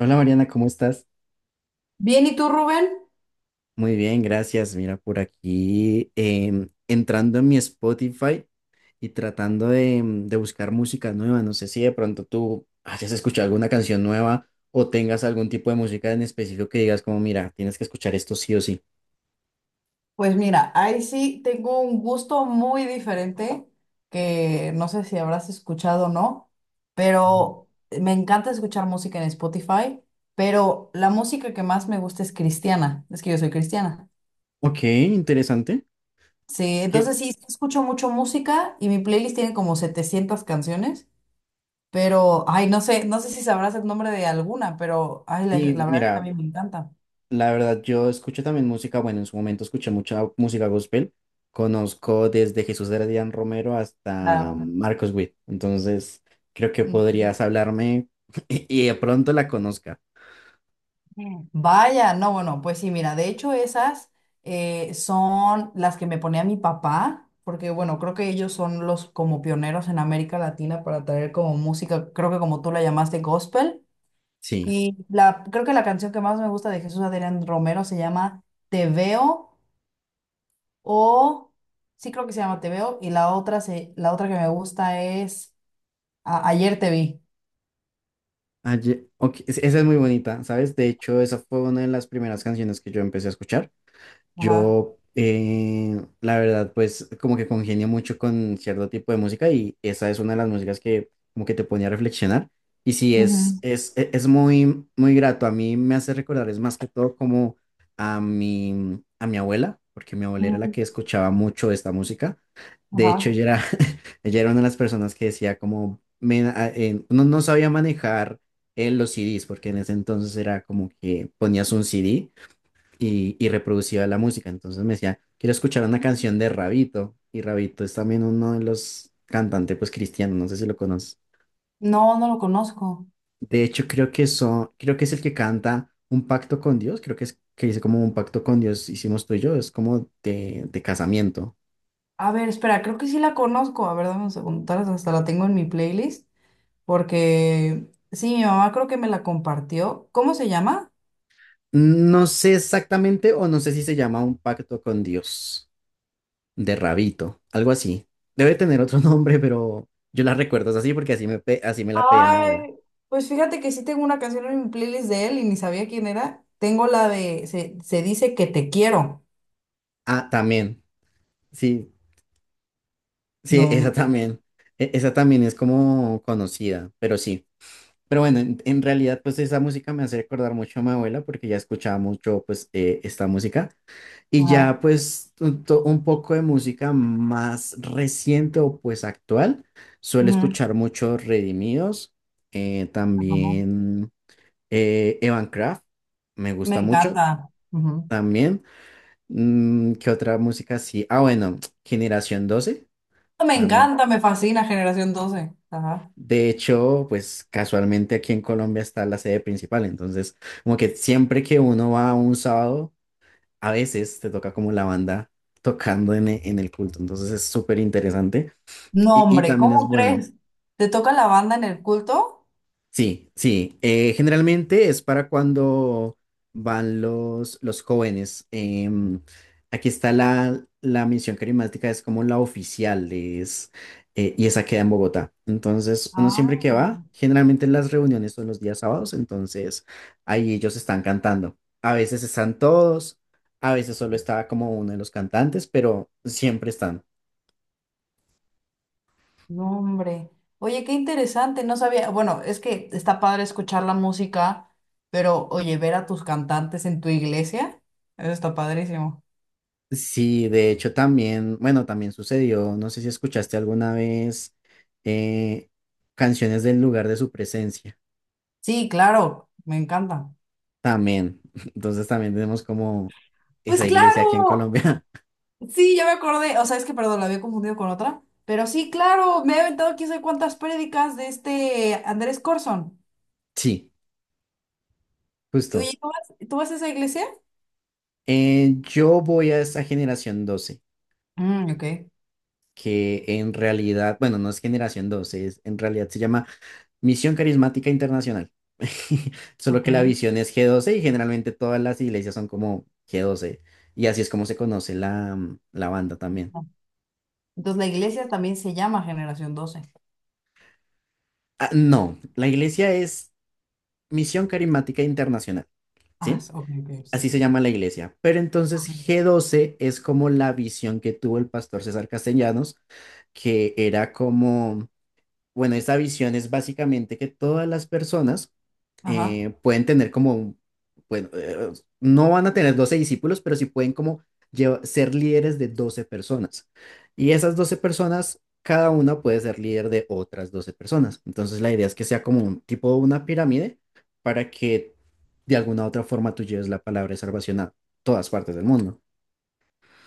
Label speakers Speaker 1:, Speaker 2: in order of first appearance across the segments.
Speaker 1: Hola Mariana, ¿cómo estás?
Speaker 2: Bien, ¿y tú, Rubén?
Speaker 1: Muy bien, gracias. Mira, por aquí entrando en mi Spotify y tratando de, de buscar música nueva. No sé si de pronto tú hayas escuchado alguna canción nueva o tengas algún tipo de música en específico que digas como, mira, tienes que escuchar esto sí o sí.
Speaker 2: Pues mira, ahí sí tengo un gusto muy diferente que no sé si habrás escuchado o no,
Speaker 1: Ujú.
Speaker 2: pero me encanta escuchar música en Spotify, pero la música que más me gusta es cristiana, es que yo soy cristiana.
Speaker 1: Ok, interesante.
Speaker 2: Sí,
Speaker 1: Que
Speaker 2: entonces sí, sí escucho mucho música y mi playlist tiene como 700 canciones, pero, ay, no sé, no sé si sabrás el nombre de alguna, pero, ay, la,
Speaker 1: sí,
Speaker 2: la verdad es que a
Speaker 1: mira.
Speaker 2: mí me encanta.
Speaker 1: La verdad, yo escucho también música, bueno, en su momento escuché mucha música gospel. Conozco desde Jesús Heredián Romero hasta
Speaker 2: Claro.
Speaker 1: Marcos Witt. Entonces, creo que
Speaker 2: Ujú.
Speaker 1: podrías hablarme y de pronto la conozca.
Speaker 2: Vaya, no, bueno, pues sí, mira, de hecho esas son las que me ponía mi papá, porque bueno, creo que ellos son los como pioneros en América Latina para traer como música, creo que como tú la llamaste gospel,
Speaker 1: Sí.
Speaker 2: y la, creo que la canción que más me gusta de Jesús Adrián Romero se llama Te Veo, o sí creo que se llama Te Veo, y la otra, se, la otra que me gusta es Ayer Te Vi.
Speaker 1: Ok, esa es muy bonita, ¿sabes? De hecho, esa fue una de las primeras canciones que yo empecé a escuchar.
Speaker 2: Ajá.
Speaker 1: Yo, la verdad, pues como que congenio mucho con cierto tipo de música y esa es una de las músicas que como que te pone a reflexionar. Y sí,
Speaker 2: Ujú,
Speaker 1: es muy, muy grato. A mí me hace recordar, es más que todo como a mi abuela, porque mi abuela era la
Speaker 2: ujú,
Speaker 1: que escuchaba mucho esta música. De hecho,
Speaker 2: ajá.
Speaker 1: ella era una de las personas que decía como, "Men, no, no sabía manejar los CDs, porque en ese entonces era como que ponías un CD y reproducía la música. Entonces me decía, quiero escuchar una canción de Rabito. Y Rabito es también uno de los cantantes pues cristianos, no sé si lo conoces.
Speaker 2: No, no lo conozco.
Speaker 1: De hecho, creo que es el que canta Un pacto con Dios, creo que es que dice como un pacto con Dios hicimos tú y yo, es como de casamiento.
Speaker 2: A ver, espera, creo que sí la conozco. A ver, dame un segundo, tal vez hasta la tengo en mi playlist, porque sí, mi mamá creo que me la compartió. ¿Cómo se llama?
Speaker 1: No sé exactamente, o no sé si se llama Un pacto con Dios, de Rabito, algo así. Debe tener otro nombre, pero yo la recuerdo así porque así me, así me la pedía mi abuela.
Speaker 2: Ay, pues fíjate que sí tengo una canción en mi playlist de él y ni sabía quién era. Tengo la de Se, se dice que te quiero.
Speaker 1: Ah, también. Sí, sí,
Speaker 2: No.
Speaker 1: esa también, esa también es como conocida, pero sí. Pero bueno, en realidad pues esa música me hace recordar mucho a mi abuela porque ya escuchaba mucho pues esta música y ya
Speaker 2: Ajá.
Speaker 1: pues un poco de música más reciente o pues actual. Suelo
Speaker 2: Ujú,
Speaker 1: escuchar mucho Redimidos,
Speaker 2: ajá.
Speaker 1: también Evan Kraft, me
Speaker 2: Me
Speaker 1: gusta mucho
Speaker 2: encanta. Ujú.
Speaker 1: también. ¿Qué otra música sí? Ah, bueno, Generación Doce
Speaker 2: Me
Speaker 1: también.
Speaker 2: encanta, me fascina Generación doce. Ajá.
Speaker 1: De hecho, pues casualmente aquí en Colombia está la sede principal, entonces como que siempre que uno va un sábado, a veces te toca como la banda tocando en, en el culto, entonces es súper interesante
Speaker 2: No,
Speaker 1: y
Speaker 2: hombre,
Speaker 1: también es
Speaker 2: ¿cómo
Speaker 1: bueno.
Speaker 2: crees? ¿Te toca la banda en el culto?
Speaker 1: Sí, sí. Generalmente es para cuando van los jóvenes. Aquí está la, la misión carismática, es como la oficial, es, y esa queda en Bogotá. Entonces, uno siempre
Speaker 2: Ah.
Speaker 1: que va, generalmente las reuniones son los días sábados, entonces ahí ellos están cantando. A veces están todos, a veces solo está como uno de los cantantes, pero siempre están.
Speaker 2: No, hombre. Oye, qué interesante, no sabía. Bueno, es que está padre escuchar la música, pero oye, ver a tus cantantes en tu iglesia, eso está padrísimo.
Speaker 1: Sí, de hecho también, bueno, también sucedió, no sé si escuchaste alguna vez eh, canciones del lugar de su presencia,
Speaker 2: Sí, claro, me encanta.
Speaker 1: también, entonces también tenemos como
Speaker 2: Pues
Speaker 1: esa iglesia aquí en
Speaker 2: claro,
Speaker 1: Colombia.
Speaker 2: sí, ya me acordé. O sea, es que, perdón, la había confundido con otra. Pero sí, claro, me he aventado quién sabe cuántas prédicas de este Andrés Corson.
Speaker 1: Sí,
Speaker 2: Oye,
Speaker 1: justo.
Speaker 2: ¿tú vas a esa iglesia?
Speaker 1: Yo voy a esa generación doce,
Speaker 2: Mm, ok,
Speaker 1: que en realidad, bueno, no es Generación doce, es, en realidad se llama Misión Carismática Internacional. Solo que la
Speaker 2: ok.
Speaker 1: visión es g doce y generalmente todas las iglesias son como g doce. Y así es como se conoce la, la banda también.
Speaker 2: Entonces la iglesia también se llama Generación Doce.
Speaker 1: Ah, no, la iglesia es Misión Carismática Internacional,
Speaker 2: Ah,
Speaker 1: ¿sí?
Speaker 2: s- ok, ok, sí,
Speaker 1: Así
Speaker 2: sí,
Speaker 1: se
Speaker 2: sí.
Speaker 1: llama la iglesia. Pero entonces
Speaker 2: Ok.
Speaker 1: g doce es como la visión que tuvo el pastor César Castellanos, que era como. Bueno, esta visión es básicamente que todas las personas
Speaker 2: Ajá.
Speaker 1: pueden tener como, bueno, no van a tener 12 discípulos, pero sí pueden como ser líderes de 12 personas. Y esas 12 personas, cada una puede ser líder de otras 12 personas. Entonces la idea es que sea como un tipo una pirámide para que de alguna u otra forma tú lleves la palabra de salvación a todas partes del mundo.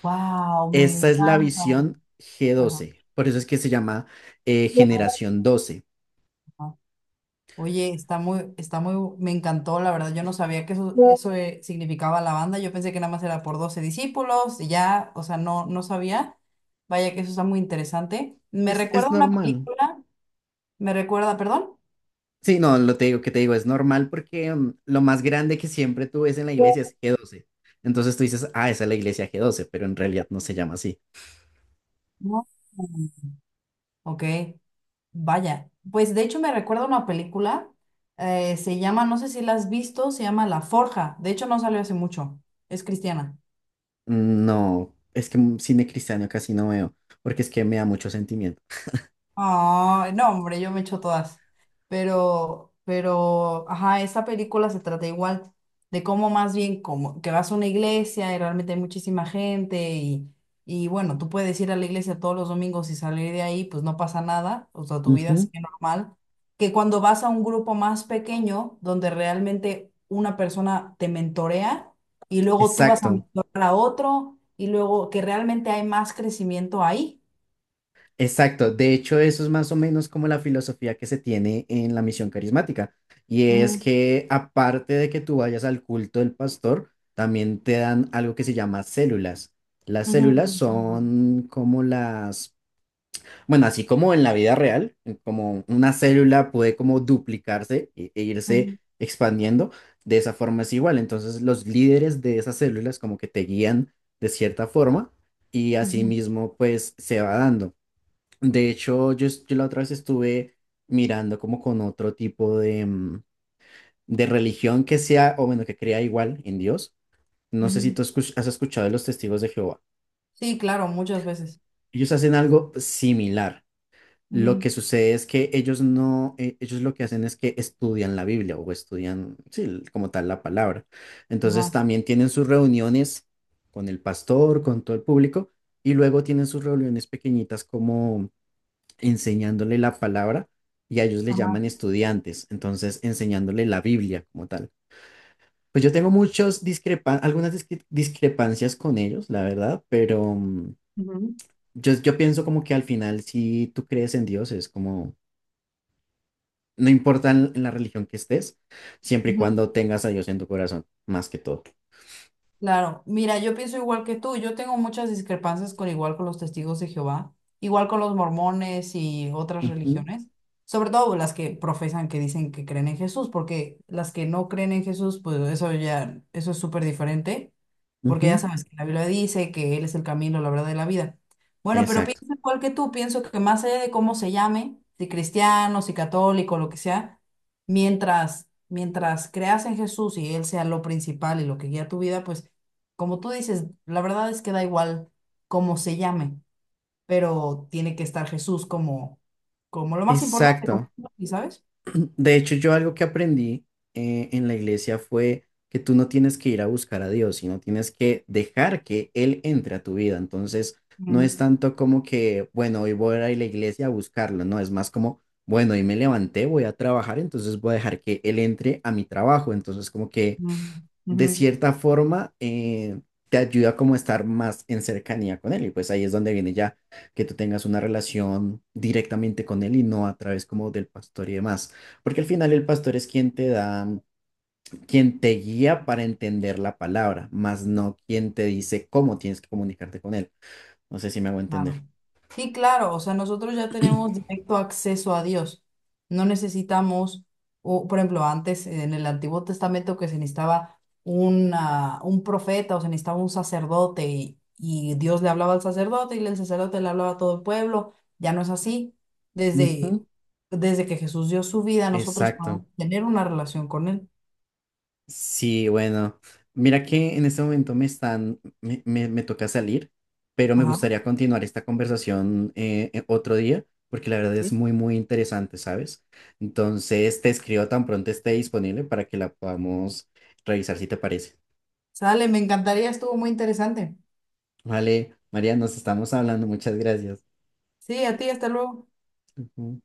Speaker 2: Wow, me
Speaker 1: Esa es la
Speaker 2: encanta.
Speaker 1: visión g
Speaker 2: Ajá.
Speaker 1: doce. Por eso es que se llama generación doce.
Speaker 2: Ajá. Oye, está muy, me encantó, la verdad. Yo no sabía que eso significaba la banda. Yo pensé que nada más era por 12 discípulos y ya, o sea, no, no sabía. Vaya que eso está muy interesante. Me
Speaker 1: Es
Speaker 2: recuerda a una
Speaker 1: normal.
Speaker 2: película, me recuerda, perdón.
Speaker 1: Sí, no, lo te digo que te digo, es normal porque lo más grande que siempre tú ves en la iglesia es g doce. Entonces tú dices, ah, esa es la iglesia g doce, pero en realidad no se llama así.
Speaker 2: No. Ok, vaya. Pues de hecho me recuerda a una película, se llama, no sé si la has visto, se llama La Forja. De hecho no salió hace mucho, es cristiana.
Speaker 1: No, es que cine cristiano casi no veo, porque es que me da mucho sentimiento.
Speaker 2: Ah, no, hombre, yo me echo todas. Ajá, esa película se trata igual de cómo más bien, como que vas a una iglesia y realmente hay muchísima gente y bueno, tú puedes ir a la iglesia todos los domingos y salir de ahí, pues no pasa nada, o sea, tu vida
Speaker 1: Ujú,
Speaker 2: sigue normal. Que cuando vas a un grupo más pequeño, donde realmente una persona te mentorea y luego tú vas a
Speaker 1: exacto.
Speaker 2: mentorar a otro y luego que realmente hay más crecimiento ahí.
Speaker 1: Exacto, de hecho eso es más o menos como la filosofía que se tiene en la misión carismática, y es
Speaker 2: Ujú,
Speaker 1: que aparte de que tú vayas al culto del pastor, también te dan algo que se llama células. Las
Speaker 2: ujú,
Speaker 1: células son como las, bueno, así como en la vida real, como una célula puede como duplicarse e irse
Speaker 2: ujú,
Speaker 1: expandiendo, de esa forma es igual, entonces los líderes de esas células como que te guían de cierta forma y
Speaker 2: ujú,
Speaker 1: asimismo pues se va dando. De hecho, yo la otra vez estuve mirando como con otro tipo de, de religión que sea, o bueno, que crea igual en Dios. No sé si
Speaker 2: ujú.
Speaker 1: tú has escuchado de los testigos de Jehová.
Speaker 2: Sí, claro, muchas veces.
Speaker 1: Ellos hacen algo similar. Lo que
Speaker 2: Ujú,
Speaker 1: sucede es que ellos no, e- ellos lo que hacen es que estudian la Biblia o estudian, sí, como tal la palabra. Entonces
Speaker 2: ajá,
Speaker 1: también tienen sus reuniones con el pastor, con todo el público, y luego tienen sus reuniones pequeñitas enseñándole la palabra y a ellos le llaman
Speaker 2: ajá,
Speaker 1: estudiantes, entonces enseñándole la Biblia como tal. Pues yo tengo muchos discrepan algunas discre- discrepancias con ellos, la verdad, pero
Speaker 2: ujú,
Speaker 1: yo, yo pienso como que al final si tú crees en Dios es como, no importa en la religión que estés, siempre y
Speaker 2: ujú.
Speaker 1: cuando tengas a Dios en tu corazón, más que todo.
Speaker 2: Claro, mira, yo pienso igual que tú, yo tengo muchas discrepancias con igual con los testigos de Jehová, igual con los mormones y otras
Speaker 1: Ujú,
Speaker 2: religiones, sobre todo las que profesan que dicen que creen en Jesús, porque las que no creen en Jesús, pues eso ya, eso es súper diferente, porque ya
Speaker 1: ujú,
Speaker 2: sabes que la Biblia dice que Él es el camino, la verdad y la vida. Bueno, pero
Speaker 1: exacto,
Speaker 2: pienso igual que tú, pienso que más allá de cómo se llame, si cristiano, si católico, lo que sea, mientras creas en Jesús y Él sea lo principal y lo que guía tu vida, pues como tú dices, la verdad es que da igual cómo se llame, pero tiene que estar Jesús como, como lo más importante, como,
Speaker 1: exacto.
Speaker 2: ¿sabes?
Speaker 1: De hecho, yo algo que aprendí en la iglesia fue que tú no tienes que ir a buscar a Dios, sino tienes que dejar que Él entre a tu vida. Entonces, no es
Speaker 2: Mm,
Speaker 1: tanto como que, bueno, hoy voy a ir a la iglesia a buscarlo, no, es más como, bueno, hoy me levanté, voy a trabajar, entonces voy a dejar que Él entre a mi trabajo. Entonces, como que
Speaker 2: mm,
Speaker 1: de
Speaker 2: ujú.
Speaker 1: cierta forma te ayuda como a estar más en cercanía con él y pues ahí es donde viene ya que tú tengas una relación directamente con él y no a través como del pastor y demás, porque al final el pastor es quien te da, quien te guía para entender la palabra, más no quien te dice cómo tienes que comunicarte con él. No sé si me hago entender.
Speaker 2: Claro. Sí, claro, o sea, nosotros ya tenemos directo acceso a Dios. No necesitamos, o, por ejemplo, antes en el Antiguo Testamento que se necesitaba una, un profeta o se necesitaba un sacerdote y Dios le hablaba al sacerdote y el sacerdote le hablaba a todo el pueblo. Ya no es así. Desde,
Speaker 1: Ujú,
Speaker 2: desde que Jesús dio su vida, nosotros podemos
Speaker 1: exacto.
Speaker 2: tener una relación con Él.
Speaker 1: Sí, bueno, mira que en este momento me toca salir, pero me
Speaker 2: Ajá.
Speaker 1: gustaría continuar esta conversación otro día, porque la verdad es
Speaker 2: Sí.
Speaker 1: muy, muy interesante, ¿sabes? Entonces te escribo tan pronto esté disponible para que la podamos revisar si te parece.
Speaker 2: Sale, me encantaría, estuvo muy interesante.
Speaker 1: Vale, María, nos estamos hablando, muchas gracias.
Speaker 2: Sí, a ti, hasta luego.
Speaker 1: Ujú.